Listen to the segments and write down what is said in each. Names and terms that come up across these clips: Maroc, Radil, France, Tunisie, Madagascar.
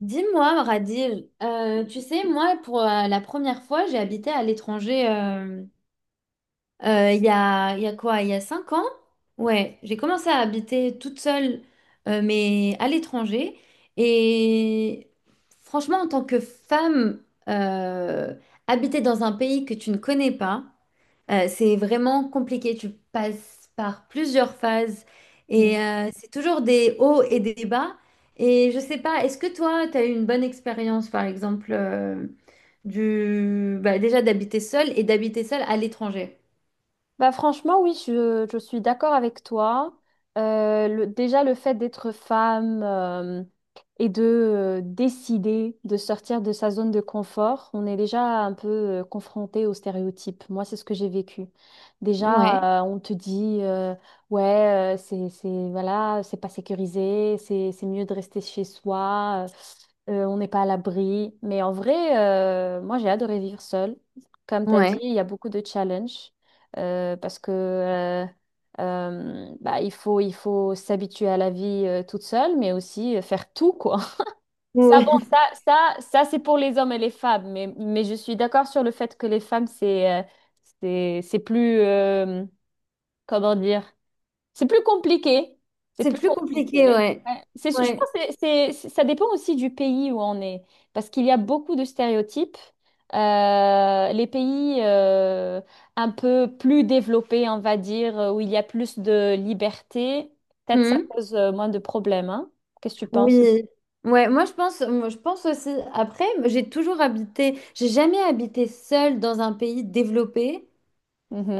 Dis-moi, Radil, tu sais, moi, pour la première fois, j'ai habité à l'étranger. Il y a, quoi? Il y a 5 ans? Ouais, j'ai commencé à habiter toute seule, mais à l'étranger. Et franchement, en tant que femme, euh, habiter dans un pays que tu ne connais pas, c'est vraiment compliqué. Tu passes par plusieurs phases et Mm. C'est toujours des hauts et des bas. Et je sais pas, est-ce que toi, tu as eu une bonne expérience, par exemple, du, bah, déjà d'habiter seule et d'habiter seule à l'étranger? Bah franchement, oui, je suis d'accord avec toi. Déjà, le fait d'être femme et de décider de sortir de sa zone de confort, on est déjà un peu confronté aux stéréotypes. Moi, c'est ce que j'ai vécu. Ouais, Déjà, on te dit, ouais, voilà, c'est pas sécurisé, c'est mieux de rester chez soi, on n'est pas à l'abri. Mais en vrai, moi, j'ai adoré vivre seule. Comme tu as dit, ouais. il y a beaucoup de challenges, parce que bah, il faut s'habituer à la vie toute seule, mais aussi faire tout, quoi. Ça, Ouais. bon, ça, ça, ça, c'est pour les hommes et les femmes, mais je suis d'accord sur le fait que les femmes, c'est plus, comment dire? C'est plus compliqué. C'est C'est plus plus compliqué, compliqué. ouais. Ouais. C'est, je pense Ouais. que ça dépend aussi du pays où on est, parce qu'il y a beaucoup de stéréotypes. Les pays un peu plus développés, on va dire, où il y a plus de liberté, peut-être ça Hmm. cause moins de problèmes, hein. Qu'est-ce que tu penses? Oui. Ouais, moi je pense, moi je pense aussi. Après, j'ai jamais habité seule dans un pays développé.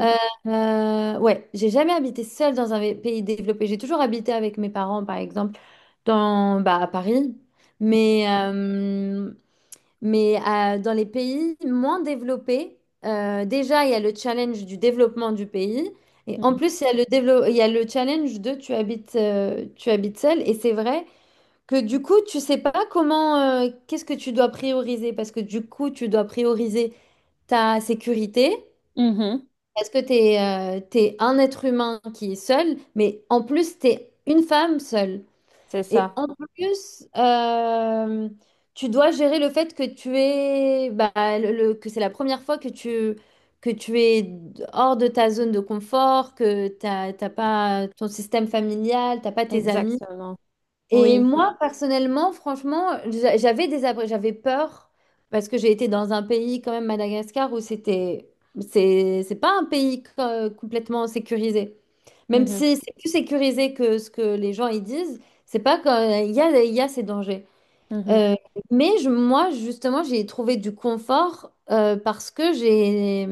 Euh, ouais, j'ai jamais habité seule dans un pays développé. J'ai toujours habité avec mes parents, par exemple, bah, à Paris. Mais, euh, Mais euh, dans les pays moins développés, déjà, il y a le challenge du développement du pays. Et en Mhm. plus, il y a il y a le challenge de tu habites seul. Et c'est vrai que du coup, tu sais pas qu'est-ce que tu dois prioriser. Parce que du coup, tu dois prioriser ta sécurité. Mhm. Parce que tu es un être humain qui est seul. Mais en plus, tu es une femme seule. C'est Et ça, en plus, tu dois gérer le fait que tu es, bah, que c'est la première fois que tu es hors de ta zone de confort, que t'as pas ton système familial, t'as pas tes amis. exactement. Et Oui. moi, personnellement, franchement, j'avais peur parce que j'ai été dans un pays, quand même, Madagascar, c'est pas un pays complètement sécurisé. Même Mhm. si c'est plus sécurisé que ce que les gens y disent, c'est pas quand il y a ces dangers. Mhm. Euh, Moi, justement, j'ai trouvé du confort parce que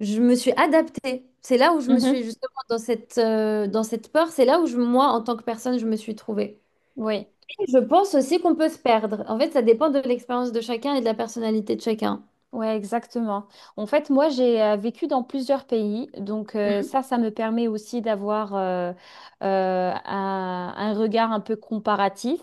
je me suis adaptée. C'est là où je me Mhm. suis justement dans dans cette peur, c'est là où moi, en tant que personne, je me suis trouvée. Oui. Je pense aussi qu'on peut se perdre. En fait, ça dépend de l'expérience de chacun et de la personnalité de chacun. Ouais, exactement. En fait, moi, j'ai vécu dans plusieurs pays, donc Mhm. ça, ça me permet aussi d'avoir un regard un peu comparatif,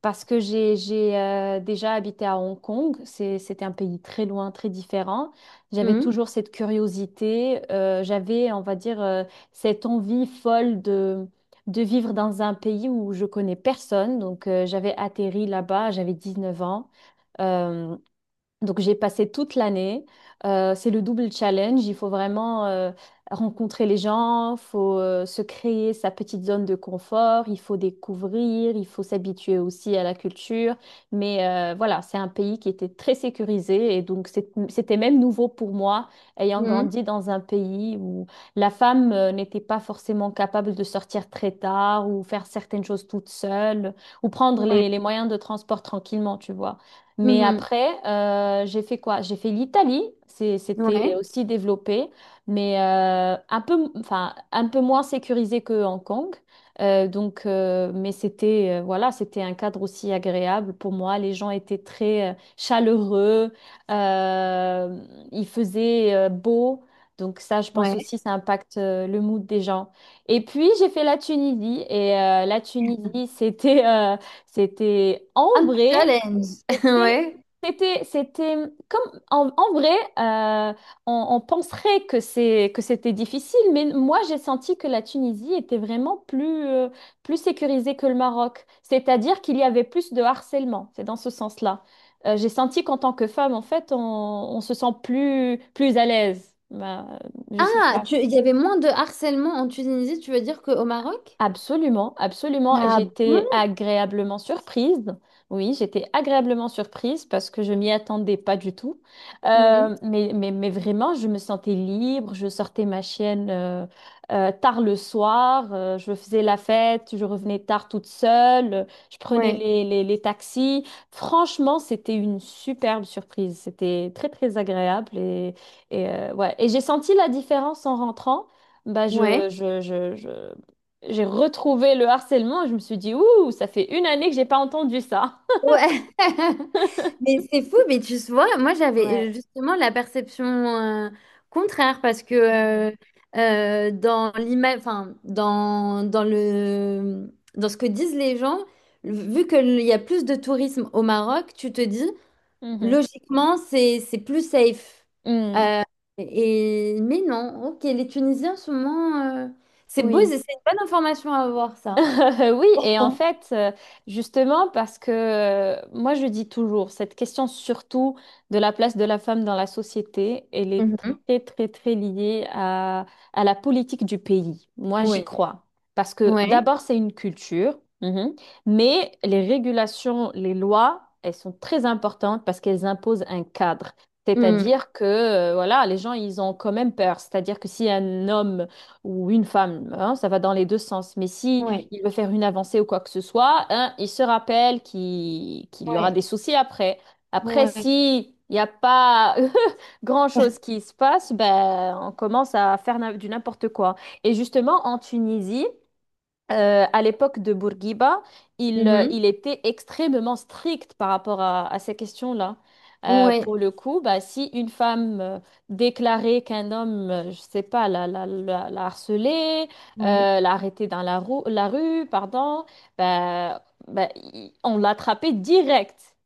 parce que j'ai déjà habité à Hong Kong. C'est, c'était un pays très loin, très différent. J'avais Mhm. toujours cette curiosité, j'avais, on va dire, cette envie folle de vivre dans un pays où je connais personne. Donc, j'avais atterri là-bas, j'avais 19 ans. euh, donc j'ai passé toute l'année. C'est le double challenge. Il faut vraiment rencontrer les gens, il faut se créer sa petite zone de confort, il faut découvrir, il faut s'habituer aussi à la culture. Mais voilà, c'est un pays qui était très sécurisé et donc c'était même nouveau pour moi, ayant Mhm. grandi dans un pays où la femme n'était pas forcément capable de sortir très tard ou faire certaines choses toute seule ou prendre Ouais. Les moyens de transport tranquillement, tu vois. Mais Mhm. après, j'ai fait quoi? J'ai fait l'Italie. C'était Ouais. aussi développé, mais un peu, enfin, un peu moins sécurisé que Hong Kong. Mais c'était, voilà, c'était un cadre aussi agréable pour moi. Les gens étaient très chaleureux. Euh, il faisait beau. Donc ça, je pense Ouais. aussi, ça impacte le mood des gens. Et puis, j'ai fait la Tunisie. Et la Tunisie, c'était c'était Un ambré. challenge. C'était, Ouais. C'était comme en vrai, euh, on penserait que c'était difficile, mais moi j'ai senti que la Tunisie était vraiment plus sécurisée que le Maroc. C'est-à-dire qu'il y avait plus de harcèlement. C'est dans ce sens-là. J'ai senti qu'en tant que femme, en fait, on se sent plus à l'aise. Bah, je sais Ah, pas. Il y avait moins de harcèlement en Tunisie, tu veux dire qu'au Maroc? Absolument, absolument. Et Ah j'étais bon? agréablement surprise. Oui, j'étais agréablement surprise parce que je m'y attendais pas du tout. Mhm. Mais vraiment, je me sentais libre. Je sortais ma chienne tard le soir. Je faisais la fête. Je revenais tard toute seule. Je prenais Ouais. Les taxis. Franchement, c'était une superbe surprise. C'était très, très agréable. Ouais. Et j'ai senti la différence en rentrant. Bah, Ouais. J'ai retrouvé le harcèlement, je me suis dit, ouh, ça fait une année que j'ai pas entendu ça. Ouais. Mais c'est fou, mais tu vois, moi j'avais Ouais. justement la perception contraire parce que Mhm. Dans enfin, dans le, dans ce que disent les gens, vu qu'il y a plus de tourisme au Maroc, tu te dis Mhm. logiquement c'est plus safe. Mm. Euh, et, mais non, ok, les Tunisiens sont moins. C'est beau, Oui. c'est une bonne information à avoir ça. Oui, et en fait, justement, parce que moi, je dis toujours, cette question surtout de la place de la femme dans la société, elle est Mhm. très, très, très liée à la politique du pays. Moi, j'y Oui, crois. Parce que ouais, d'abord, c'est une culture, mhm, mais les régulations, les lois, elles sont très importantes parce qu'elles imposent un cadre. Mm. C'est-à-dire que, voilà, les gens, ils ont quand même peur. C'est-à-dire que si un homme ou une femme, hein, ça va dans les deux sens, mais si Ouais, il veut faire une avancée ou quoi que ce soit, hein, il se rappelle qu'il y aura ouais. des soucis après. Après, Ouais, si il n'y a pas grand-chose qui se passe, ben, on commence à faire du n'importe quoi. Et justement, en Tunisie, à l'époque de Bourguiba, Mhm. il était extrêmement strict par rapport à ces questions-là. Ouais, Pour le coup, bah, si une femme déclarait qu'un homme, je sais pas, la harcelait, ouais, l'a arrêtée dans la rue, pardon, on l'attrapait direct.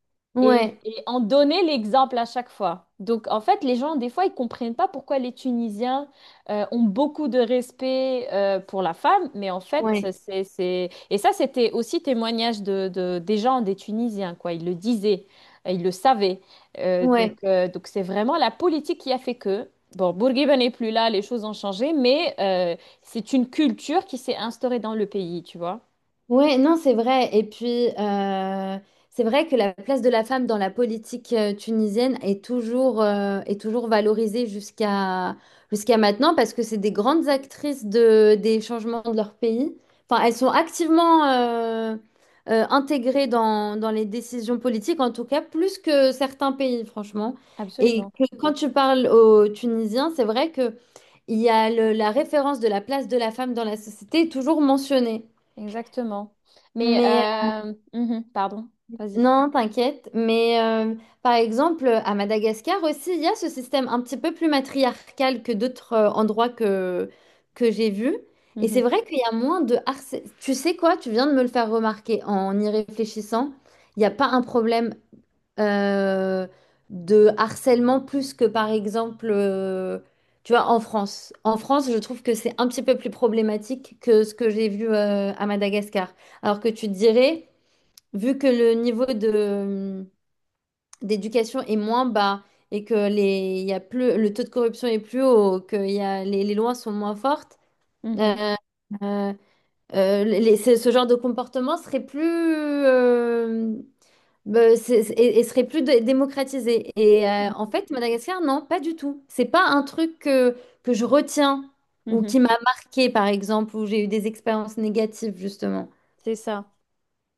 Ouais, Et on donnait l'exemple à chaque fois. Donc, en fait, les gens, des fois, ils comprennent pas pourquoi les Tunisiens ont beaucoup de respect pour la femme, mais en fait, ouais, c'est... Et ça, c'était aussi témoignage de, des gens, des Tunisiens, quoi. Ils le disaient, ils le savaient. Ouais. Donc c'est vraiment la politique qui a fait que... Bon, Bourguiba n'est plus là, les choses ont changé, mais c'est une culture qui s'est instaurée dans le pays, tu vois. Ouais, non, c'est vrai. Et puis, c'est vrai que la place de la femme dans la politique tunisienne est est toujours valorisée jusqu'à maintenant parce que c'est des grandes actrices des changements de leur pays. Enfin, elles sont activement intégrées dans les décisions politiques, en tout cas, plus que certains pays, franchement. Et Absolument, que quand tu parles aux Tunisiens, c'est vrai que il y a la référence de la place de la femme dans la société est toujours mentionnée. exactement. Mais, Mais mhm, pardon, vas-y. non, t'inquiète. Mais par exemple, à Madagascar aussi, il y a ce système un petit peu plus matriarcal que d'autres endroits que j'ai vus. Et c'est Mhm, vrai qu'il y a moins de harcèlement. Tu sais quoi? Tu viens de me le faire remarquer en y réfléchissant. Il n'y a pas un problème euh, de harcèlement plus que par exemple, tu vois, en France. En France, je trouve que c'est un petit peu plus problématique que ce que j'ai vu à Madagascar. Alors que tu te dirais vu que le niveau d'éducation est moins bas et que il y a plus, le taux de corruption est plus haut, que les lois sont moins fortes, mhm, euh, euh, ce genre de comportement serait plus, euh, bah, c'est- et serait plus démocratisé. Et en fait, Madagascar, non, pas du tout. C'est pas un truc que je retiens mhm, ou mhm. qui m'a marqué, par exemple, où j'ai eu des expériences négatives, justement. C'est ça.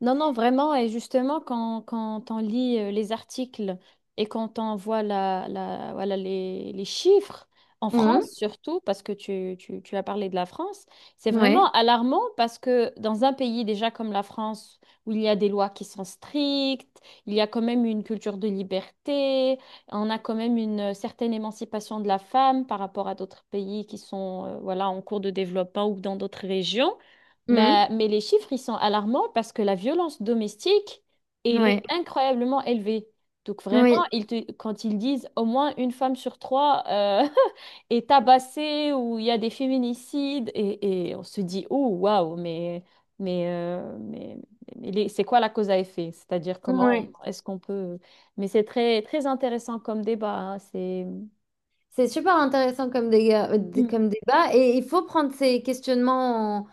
Non, non, vraiment. Et justement, quand on lit les articles et quand on voit voilà, les chiffres, en Mhm. France surtout, parce que tu as parlé de la France, c'est Ouais. vraiment alarmant parce que dans un pays déjà comme la France, où il y a des lois qui sont strictes, il y a quand même une culture de liberté, on a quand même une certaine émancipation de la femme par rapport à d'autres pays qui sont voilà, en cours de développement ou dans d'autres régions. Mhm. Mais les chiffres, ils sont alarmants parce que la violence domestique, elle est Ouais. incroyablement élevée. Donc vraiment, Oui. Quand ils disent au moins une femme sur trois est tabassée ou il y a des féminicides, et on se dit, oh, waouh, mais, euh, mais, mais c'est quoi la cause à effet? C'est-à-dire comment Oui. est-ce qu'on peut... Mais c'est très, très intéressant comme débat, hein, c'est... C'est super intéressant comme Mm. comme débat et il faut prendre ces questionnements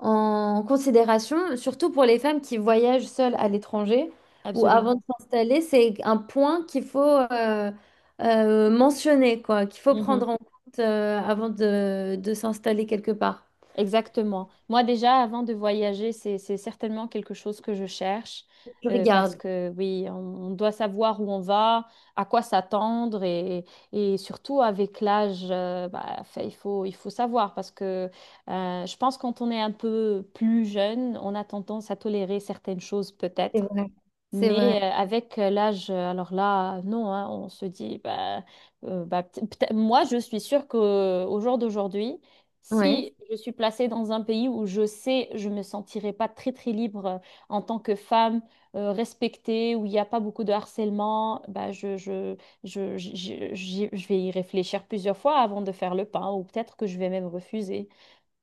en considération, surtout pour les femmes qui voyagent seules à l'étranger ou avant de Absolument. s'installer. C'est un point qu'il faut mentionner, quoi, qu'il faut Mhm. prendre en compte avant de s'installer quelque part. Exactement. Moi, déjà, avant de voyager, c'est certainement quelque chose que je cherche Je parce regarde, que, oui, on doit savoir où on va, à quoi s'attendre et surtout avec l'âge, fait, il faut savoir parce que je pense quand on est un peu plus jeune, on a tendance à tolérer certaines choses c'est peut-être. vrai, c'est Mais vrai. avec l'âge, alors là, non, hein, on se dit, bah, peut-être, moi, je suis sûre que au jour d'aujourd'hui, Ouais. si je suis placée dans un pays où je sais, je me sentirai pas très très libre en tant que femme respectée, où il n'y a pas beaucoup de harcèlement, bah, je vais y réfléchir plusieurs fois avant de faire le pas, ou peut-être que je vais même refuser.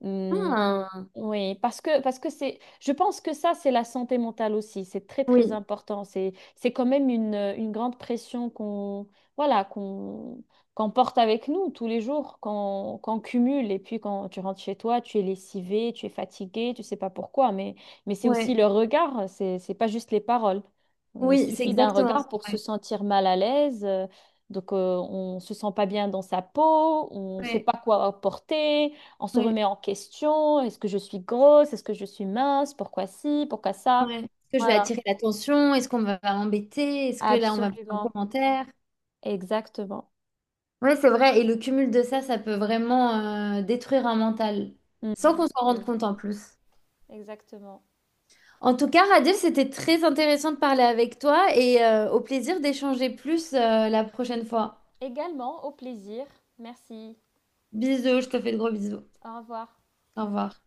Mmh. Ah, Oui, parce que c'est, je pense que ça, c'est la santé mentale aussi. C'est très très oui, important. C'est quand même une grande pression qu'on qu'on porte avec nous tous les jours, qu'on cumule. Et puis quand tu rentres chez toi, tu es lessivé, tu es fatigué, tu sais pas pourquoi. Mais c'est aussi ouais. le regard. C'est pas juste les paroles. Il Oui, c'est suffit d'un exactement ça. regard pour se Ouais. sentir mal à l'aise. Donc, on se sent pas bien dans sa peau, on sait Ouais. pas quoi porter. On se Ouais. remet en question. Est-ce que je suis grosse? Est-ce que je suis mince? Pourquoi ci? Pourquoi ça? Ouais. Est-ce que je vais Voilà. attirer l'attention? Est-ce qu'on va m'embêter? Est-ce que là, on va me faire un Absolument. commentaire? Exactement. Oui, c'est vrai. Et le cumul de ça, ça peut vraiment détruire un mental, sans Mhm. qu'on s'en rende compte en plus. Exactement. En tout cas, Radil, c'était très intéressant de parler avec toi et au plaisir d'échanger plus la prochaine fois. Également, au plaisir. Merci. Bisous, je te fais de gros bisous. Au revoir. Au revoir.